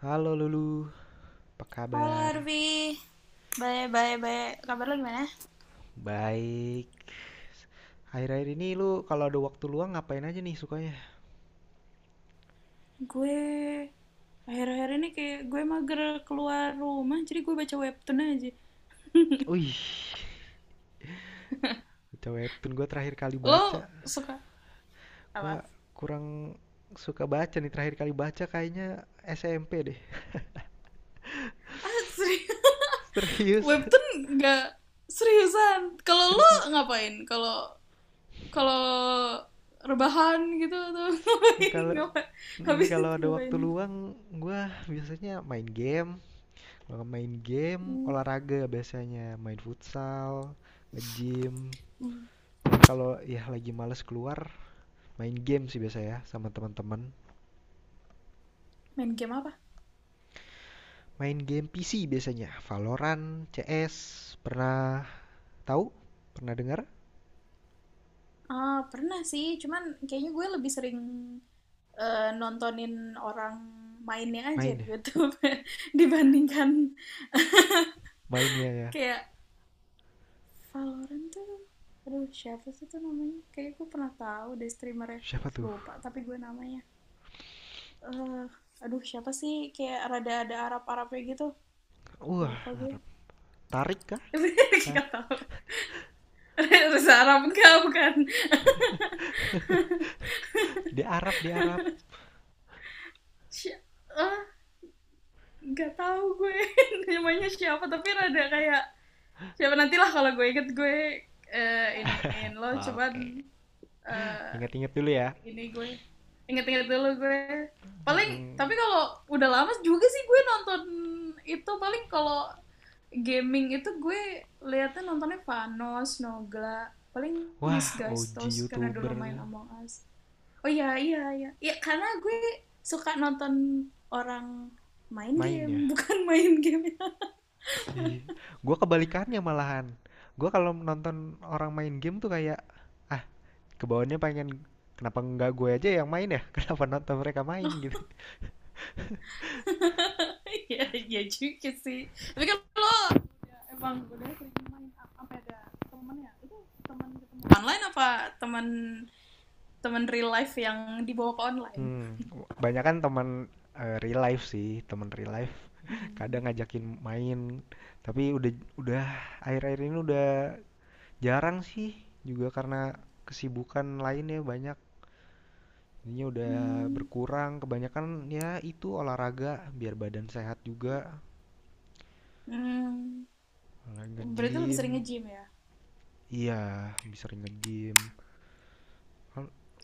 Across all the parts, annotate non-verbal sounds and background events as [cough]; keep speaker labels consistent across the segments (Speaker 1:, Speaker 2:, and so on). Speaker 1: Halo Lulu, apa
Speaker 2: Halo
Speaker 1: kabar?
Speaker 2: Arvi, bye bye bye. Kabar lo gimana?
Speaker 1: Baik. Akhir-akhir ini lu kalau ada waktu luang ngapain aja nih sukanya?
Speaker 2: Gue Akhir-akhir ini kayak gue mager keluar rumah, jadi gue baca webtoon aja.
Speaker 1: Wih, baca webtoon gue terakhir kali
Speaker 2: Lo
Speaker 1: baca.
Speaker 2: suka apa?
Speaker 1: Gue kurang suka baca nih terakhir kali baca kayaknya SMP deh.
Speaker 2: Ah, serius? [laughs]
Speaker 1: Serius,
Speaker 2: Webtoon nggak seriusan.
Speaker 1: [laughs]
Speaker 2: Kalau lo
Speaker 1: serius.
Speaker 2: ngapain? Kalau kalau rebahan gitu atau [laughs] ngapain?
Speaker 1: Kalau
Speaker 2: Ngapain?
Speaker 1: ini
Speaker 2: Habis
Speaker 1: kalau
Speaker 2: itu
Speaker 1: ada waktu
Speaker 2: ngapain?
Speaker 1: luang, gue biasanya main game. Kalau main game,
Speaker 2: Hmm.
Speaker 1: olahraga biasanya main futsal, nge-gym.
Speaker 2: Hmm.
Speaker 1: Tapi kalau ya lagi males keluar, main game sih biasa ya sama teman-teman.
Speaker 2: Main game apa?
Speaker 1: Main game PC biasanya, Valorant, CS, pernah tahu? Pernah dengar?
Speaker 2: Ah, pernah sih, cuman kayaknya gue lebih sering nontonin orang mainnya aja
Speaker 1: Main
Speaker 2: di
Speaker 1: ya?
Speaker 2: YouTube, [laughs] dibandingkan
Speaker 1: Mainnya ya.
Speaker 2: kayak Valorant tuh, aduh siapa sih tuh namanya, kayak gue pernah tahu deh streamernya,
Speaker 1: Siapa tuh?
Speaker 2: lupa. Tapi gue namanya, eh aduh siapa sih, kayak rada ada Arab Arabnya gitu,
Speaker 1: Wah,
Speaker 2: lupa gue.
Speaker 1: Arab. Tarik kah?
Speaker 2: [laughs]
Speaker 1: Tar.
Speaker 2: Gak tahu. Reza? [laughs] Arab enggak, bukan.
Speaker 1: [laughs] Di Arab, di Arab.
Speaker 2: Si- ah, nggak tahu gue. [laughs] Namanya siapa, tapi rada kayak. Siapa nantilah kalau gue inget, gue iniin lo. Cuman,
Speaker 1: Oke.
Speaker 2: eh,
Speaker 1: Ingat-ingat dulu ya.
Speaker 2: ini gue inget-inget dulu gue. Paling
Speaker 1: Mm-mm.
Speaker 2: tapi kalau udah lama juga sih gue nonton itu, paling kalau gaming itu gue liatnya nontonnya Vanos, Nogla, paling
Speaker 1: Wah,
Speaker 2: Disguise
Speaker 1: OG
Speaker 2: Toast karena
Speaker 1: YouTuber
Speaker 2: dulu main
Speaker 1: tuh
Speaker 2: Among Us. Oh iya iya iya. Ya karena gue suka nonton orang main
Speaker 1: main ya.
Speaker 2: game, [laughs] bukan main game. Ya.
Speaker 1: Ih, kebalikannya malahan. Gue kalau nonton orang main game tuh kayak kebawahnya pengen kenapa nggak gue aja yang main ya? [laughs] Kenapa nonton mereka main gitu?
Speaker 2: Iya, [laughs] iya juga sih. Tapi kan lo ya emang udah sering main apa sampai ada temennya itu, teman ketemu online, apa teman teman real life yang dibawa ke online?
Speaker 1: Hmm, banyak kan teman real life sih, teman real life. [laughs]
Speaker 2: Hmm.
Speaker 1: Kadang ngajakin main, tapi udah akhir-akhir ini udah jarang sih juga karena kesibukan lainnya banyak. Jadinya udah
Speaker 2: Hmm.
Speaker 1: berkurang, kebanyakan ya itu olahraga biar badan sehat juga,
Speaker 2: Hmm.
Speaker 1: olahraga
Speaker 2: Berarti lebih
Speaker 1: nge-gym.
Speaker 2: sering nge-gym ya?
Speaker 1: Iya, lebih sering nge-gym.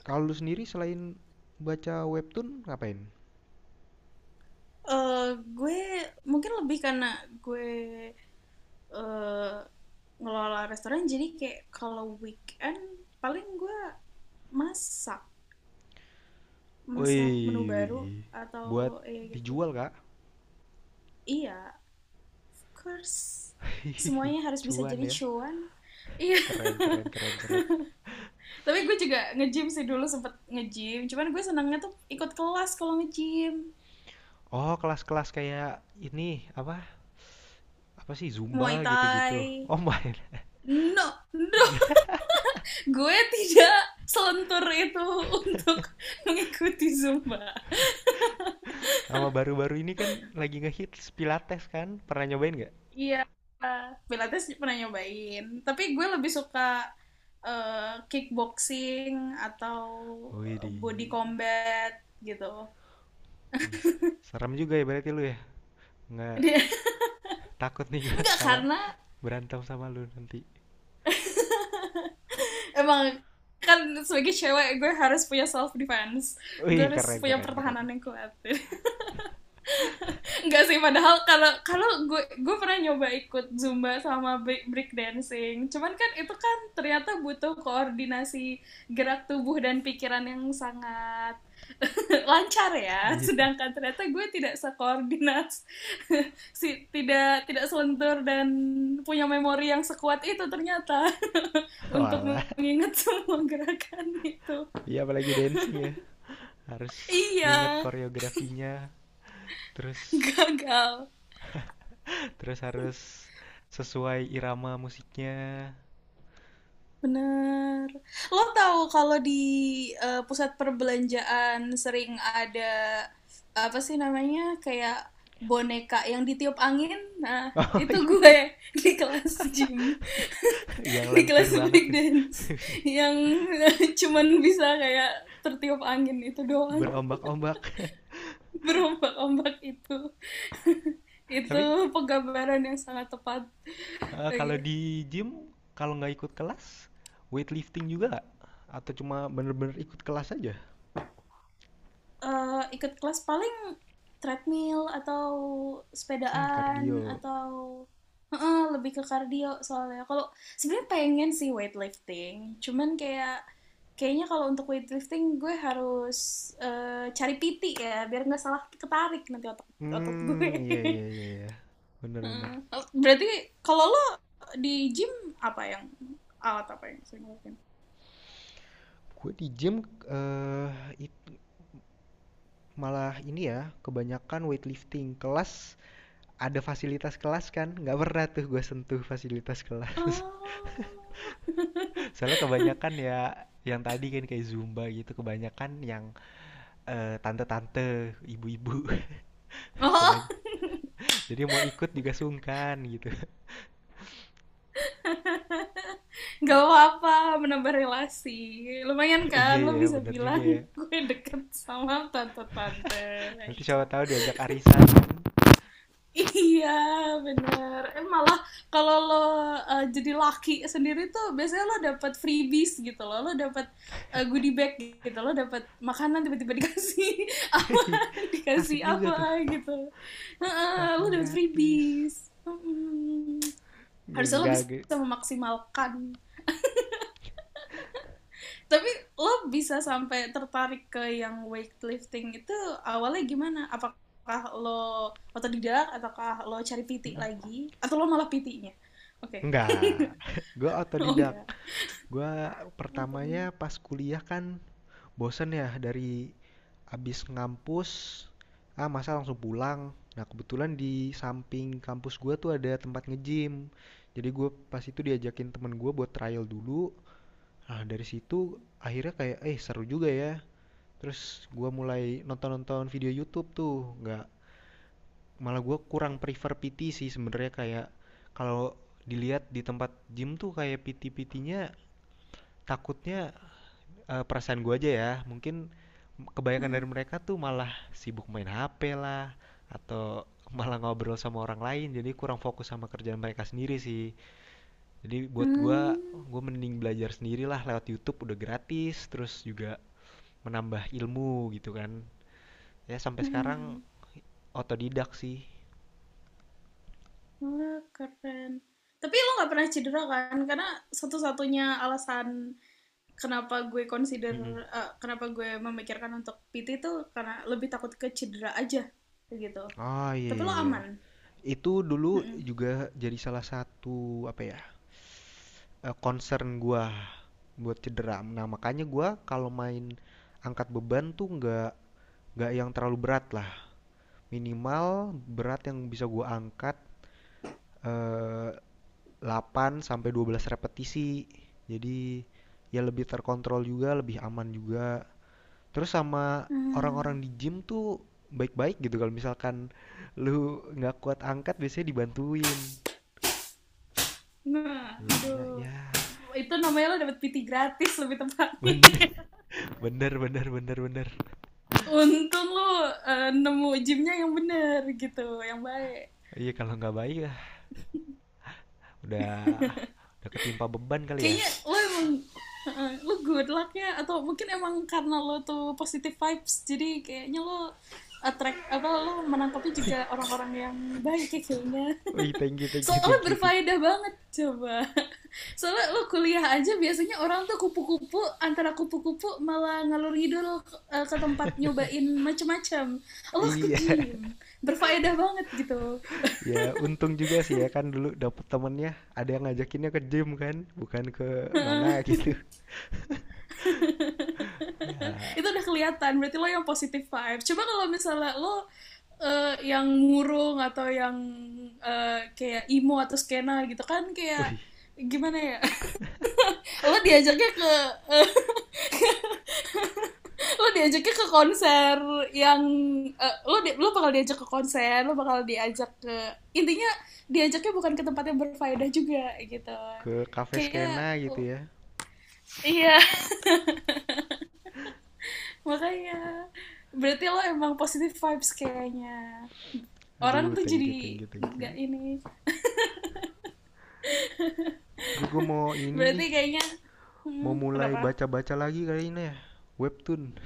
Speaker 1: Kalau lu sendiri selain baca webtoon ngapain?
Speaker 2: Eh, gue mungkin lebih karena gue eh ngelola restoran, jadi kayak kalau weekend paling gue masak, masak menu baru,
Speaker 1: Wih,
Speaker 2: atau
Speaker 1: buat
Speaker 2: ya gitu.
Speaker 1: dijual kak?
Speaker 2: Iya, course semuanya
Speaker 1: [laughs]
Speaker 2: harus bisa
Speaker 1: Cuan
Speaker 2: jadi
Speaker 1: ya?
Speaker 2: cuan. Iya.
Speaker 1: Keren, keren,
Speaker 2: [laughs]
Speaker 1: keren, keren.
Speaker 2: Tapi gue juga nge-gym sih, dulu sempet nge-gym, cuman gue senangnya tuh ikut kelas kalau nge-gym.
Speaker 1: Oh, kelas-kelas kayak ini apa? Apa sih
Speaker 2: Muay
Speaker 1: Zumba
Speaker 2: thai.
Speaker 1: gitu-gitu? Oh my.
Speaker 2: No, no,
Speaker 1: [laughs]
Speaker 2: gue tidak selentur itu [laughs] untuk mengikuti zumba.
Speaker 1: Sama baru-baru ini kan lagi ngehits Pilates kan? Pernah nyobain nggak?
Speaker 2: Iya, pilates pernah nyobain, tapi gue lebih suka kickboxing atau
Speaker 1: Wih di,
Speaker 2: body combat gitu.
Speaker 1: wih, serem juga ya berarti lu ya? Nggak takut nih
Speaker 2: [laughs]
Speaker 1: gua
Speaker 2: Enggak
Speaker 1: kalau
Speaker 2: karena,
Speaker 1: berantem sama lu nanti.
Speaker 2: [laughs] emang kan sebagai cewek gue harus punya self defense, gue
Speaker 1: Wih,
Speaker 2: harus
Speaker 1: keren,
Speaker 2: punya
Speaker 1: keren, keren.
Speaker 2: pertahanan yang kuat. [laughs] Nggak sih, padahal kalau kalau gue pernah nyoba ikut zumba sama break dancing, cuman kan itu kan ternyata butuh koordinasi gerak tubuh dan pikiran yang sangat [laughs] lancar ya,
Speaker 1: Iya,
Speaker 2: sedangkan ternyata gue tidak sekoordinat, [laughs] si tidak tidak selentur dan punya memori yang sekuat itu ternyata [laughs]
Speaker 1: [laughs]
Speaker 2: untuk
Speaker 1: walah.
Speaker 2: mengingat [laughs] semua gerakan itu.
Speaker 1: Iya apalagi dancing ya. Harus
Speaker 2: Iya,
Speaker 1: nginget koreografinya, terus
Speaker 2: gagal.
Speaker 1: terus harus sesuai irama musiknya.
Speaker 2: Bener. Lo tahu kalau di, pusat perbelanjaan sering ada apa sih namanya, kayak boneka yang ditiup angin? Nah,
Speaker 1: [laughs] Oh
Speaker 2: itu
Speaker 1: iya,
Speaker 2: gue [laughs] di kelas gym,
Speaker 1: yang
Speaker 2: di
Speaker 1: lentur
Speaker 2: kelas
Speaker 1: banget tuh.
Speaker 2: breakdance
Speaker 1: [laughs]
Speaker 2: yang [laughs] cuman bisa kayak tertiup angin itu doang,
Speaker 1: Berombak-ombak.
Speaker 2: [laughs] berombak-ombak itu
Speaker 1: [laughs]
Speaker 2: itu
Speaker 1: Tapi
Speaker 2: penggambaran yang sangat tepat. Oke.
Speaker 1: kalau
Speaker 2: Okay.
Speaker 1: di gym kalau nggak ikut kelas, weightlifting juga nggak? Atau cuma bener-bener ikut kelas aja?
Speaker 2: Ikut kelas paling treadmill atau
Speaker 1: Hmm, kardio.
Speaker 2: sepedaan atau, heeh, lebih ke kardio soalnya. Kalau sebenarnya pengen sih weightlifting, cuman kayak kayaknya kalau untuk weightlifting gue harus cari PT ya, biar nggak salah ketarik nanti otot otot gue.
Speaker 1: Hmm, iya iya iya iya.
Speaker 2: [laughs]
Speaker 1: Bener-bener.
Speaker 2: Heeh. Berarti kalau lo di gym apa yang, alat apa yang sering lo lakuin?
Speaker 1: Gue di gym eh it- malah ini ya, kebanyakan weightlifting kelas ada fasilitas kelas kan nggak pernah tuh gue sentuh fasilitas kelas.
Speaker 2: Oh. [laughs]
Speaker 1: [laughs] Soalnya kebanyakan ya yang tadi kan kayak zumba gitu kebanyakan yang tante-tante ibu-ibu. [laughs] kebany
Speaker 2: Oh.
Speaker 1: jadi mau ikut juga sungkan gitu.
Speaker 2: Gak apa-apa, menambah relasi. Lumayan
Speaker 1: [laughs] Iya
Speaker 2: kan, lo
Speaker 1: ya
Speaker 2: bisa
Speaker 1: bener juga
Speaker 2: bilang
Speaker 1: ya,
Speaker 2: [laughs] gue deket sama tante-tante.
Speaker 1: nanti siapa
Speaker 2: Baiklah.
Speaker 1: tahu diajak arisan kan.
Speaker 2: Iya, bener. Eh, malah kalau lo, jadi laki sendiri tuh biasanya lo dapet freebies gitu loh. Lo dapet goodie bag gitu. Lo dapet makanan tiba-tiba dikasih [laughs] apa,
Speaker 1: [laughs] Asik
Speaker 2: dikasih
Speaker 1: juga
Speaker 2: apa
Speaker 1: tuh
Speaker 2: gitu. Heeh, lo
Speaker 1: makan
Speaker 2: dapet
Speaker 1: gratis
Speaker 2: freebies.
Speaker 1: ya
Speaker 2: Harusnya lo
Speaker 1: enggak
Speaker 2: bisa memaksimalkan. Tapi lo bisa sampai tertarik ke yang weightlifting itu awalnya gimana? Apakah lo otodidak, ataukah lo cari PT lagi, atau lo malah PT-nya? Oke.
Speaker 1: enggak.
Speaker 2: [laughs]
Speaker 1: [laughs] Gue
Speaker 2: Oh
Speaker 1: otodidak.
Speaker 2: enggak.
Speaker 1: Gue
Speaker 2: Oh,
Speaker 1: pertamanya
Speaker 2: bener.
Speaker 1: pas kuliah kan bosen ya dari abis ngampus, ah masa langsung pulang. Nah kebetulan di samping kampus gue tuh ada tempat nge-gym, jadi gue pas itu diajakin temen gue buat trial dulu. Nah dari situ akhirnya kayak seru juga ya, terus gue mulai nonton-nonton video YouTube tuh nggak, malah gue kurang prefer PT sih sebenarnya, kayak kalau dilihat di tempat gym tuh kayak PT-PT-nya takutnya, perasaan gue aja ya, mungkin kebanyakan dari mereka tuh malah sibuk main HP lah, atau [laughs] malah ngobrol sama orang lain, jadi kurang fokus sama kerjaan mereka sendiri sih. Jadi buat
Speaker 2: Hmm.
Speaker 1: gue mending belajar sendiri lah lewat YouTube, udah gratis terus juga menambah ilmu gitu kan, ya sampai sekarang
Speaker 2: Hmm.
Speaker 1: otodidak sih.
Speaker 2: Wah, keren. Tapi lo nggak pernah cedera kan? Karena satu-satunya alasan kenapa gue consider,
Speaker 1: Mm-mm.
Speaker 2: kenapa gue memikirkan untuk PT itu karena lebih takut ke cedera aja, kayak gitu.
Speaker 1: Oh iya,
Speaker 2: Tapi lo
Speaker 1: iya, iya.
Speaker 2: aman.
Speaker 1: Itu dulu
Speaker 2: Mm-mm.
Speaker 1: juga jadi salah satu apa ya? Concern gua buat cedera. Nah makanya gue kalau main angkat beban tuh nggak yang terlalu berat lah. Minimal berat yang bisa gue angkat eh 8 sampai 12 repetisi. Jadi ya lebih terkontrol juga, lebih aman juga. Terus sama orang-orang
Speaker 2: Hmm.
Speaker 1: di gym tuh baik-baik gitu kalau misalkan lu nggak kuat angkat biasanya dibantuin.
Speaker 2: Nah,
Speaker 1: Jadinya
Speaker 2: aduh.
Speaker 1: ya
Speaker 2: Itu namanya lo dapet PT gratis lebih tepatnya.
Speaker 1: bener bener bener bener bener.
Speaker 2: [laughs] Untung lo nemu gymnya yang bener gitu, yang baik.
Speaker 1: Iya kalau nggak baik ya, Udah udah ketimpa beban kali ya.
Speaker 2: Kayaknya lo emang, lo good luck ya, atau mungkin emang karena lo tuh positive vibes jadi kayaknya lo attract, apa lo menangkapnya
Speaker 1: Wih,
Speaker 2: juga orang-orang yang baik ya kayaknya,
Speaker 1: wih, thank you, thank you,
Speaker 2: soalnya
Speaker 1: thank you, thank you.
Speaker 2: berfaedah banget coba. [laughs] Soalnya lo kuliah aja biasanya orang tuh kupu-kupu, antara kupu-kupu malah ngalur ngidul ke tempat nyobain macam-macam, lo ke
Speaker 1: Iya,
Speaker 2: gym berfaedah banget gitu.
Speaker 1: [laughs] ya untung juga sih ya kan dulu dapet temennya ada yang ngajakinnya ke gym kan, bukan ke mana
Speaker 2: [laughs]
Speaker 1: gitu. [laughs] Ya,
Speaker 2: Itu udah kelihatan berarti lo yang positif vibe. Coba kalau misalnya lo yang murung, atau yang kayak emo atau skena gitu kan, kayak
Speaker 1: wih,
Speaker 2: gimana ya. [laughs] Lo diajaknya ke, eh, lo diajaknya ke konser yang, lo di- lo bakal diajak ke konser, lo bakal diajak ke, intinya diajaknya bukan ke tempat yang berfaedah juga gitu
Speaker 1: ke cafe
Speaker 2: kayaknya.
Speaker 1: skena gitu
Speaker 2: Oh,
Speaker 1: ya.
Speaker 2: iya. [laughs] Makanya berarti lo emang positive vibes kayaknya, orang
Speaker 1: Aduh,
Speaker 2: tuh
Speaker 1: thank you, thank
Speaker 2: jadi
Speaker 1: you, thank
Speaker 2: nggak
Speaker 1: you.
Speaker 2: ini.
Speaker 1: Tapi gue mau ini
Speaker 2: Berarti
Speaker 1: nih,
Speaker 2: kayaknya,
Speaker 1: mau
Speaker 2: hmm,
Speaker 1: mulai
Speaker 2: kenapa.
Speaker 1: baca-baca lagi kali ini ya. Webtoon,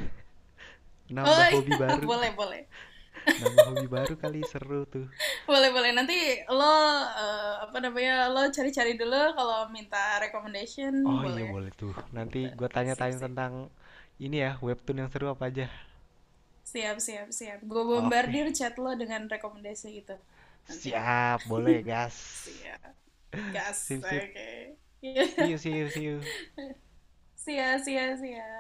Speaker 1: [laughs] nambah
Speaker 2: Oh iya.
Speaker 1: hobi
Speaker 2: [laughs]
Speaker 1: baru,
Speaker 2: Boleh boleh.
Speaker 1: [laughs] nambah hobi baru kali seru tuh.
Speaker 2: Boleh boleh nanti lo, apa namanya, lo cari-cari dulu kalau minta recommendation,
Speaker 1: Oh iya
Speaker 2: boleh
Speaker 1: boleh tuh. Nanti
Speaker 2: gitu.
Speaker 1: gue
Speaker 2: Sip
Speaker 1: tanya-tanya
Speaker 2: sip.
Speaker 1: tentang ini ya, webtoon yang seru apa aja.
Speaker 2: Siap siap siap, gue
Speaker 1: Oke,
Speaker 2: bombardir chat lo dengan rekomendasi itu nanti.
Speaker 1: siap, boleh gas.
Speaker 2: Siap. Gas.
Speaker 1: Sip, sip.
Speaker 2: Oke.
Speaker 1: See you, see
Speaker 2: [laughs]
Speaker 1: you, see you.
Speaker 2: Siap siap siap.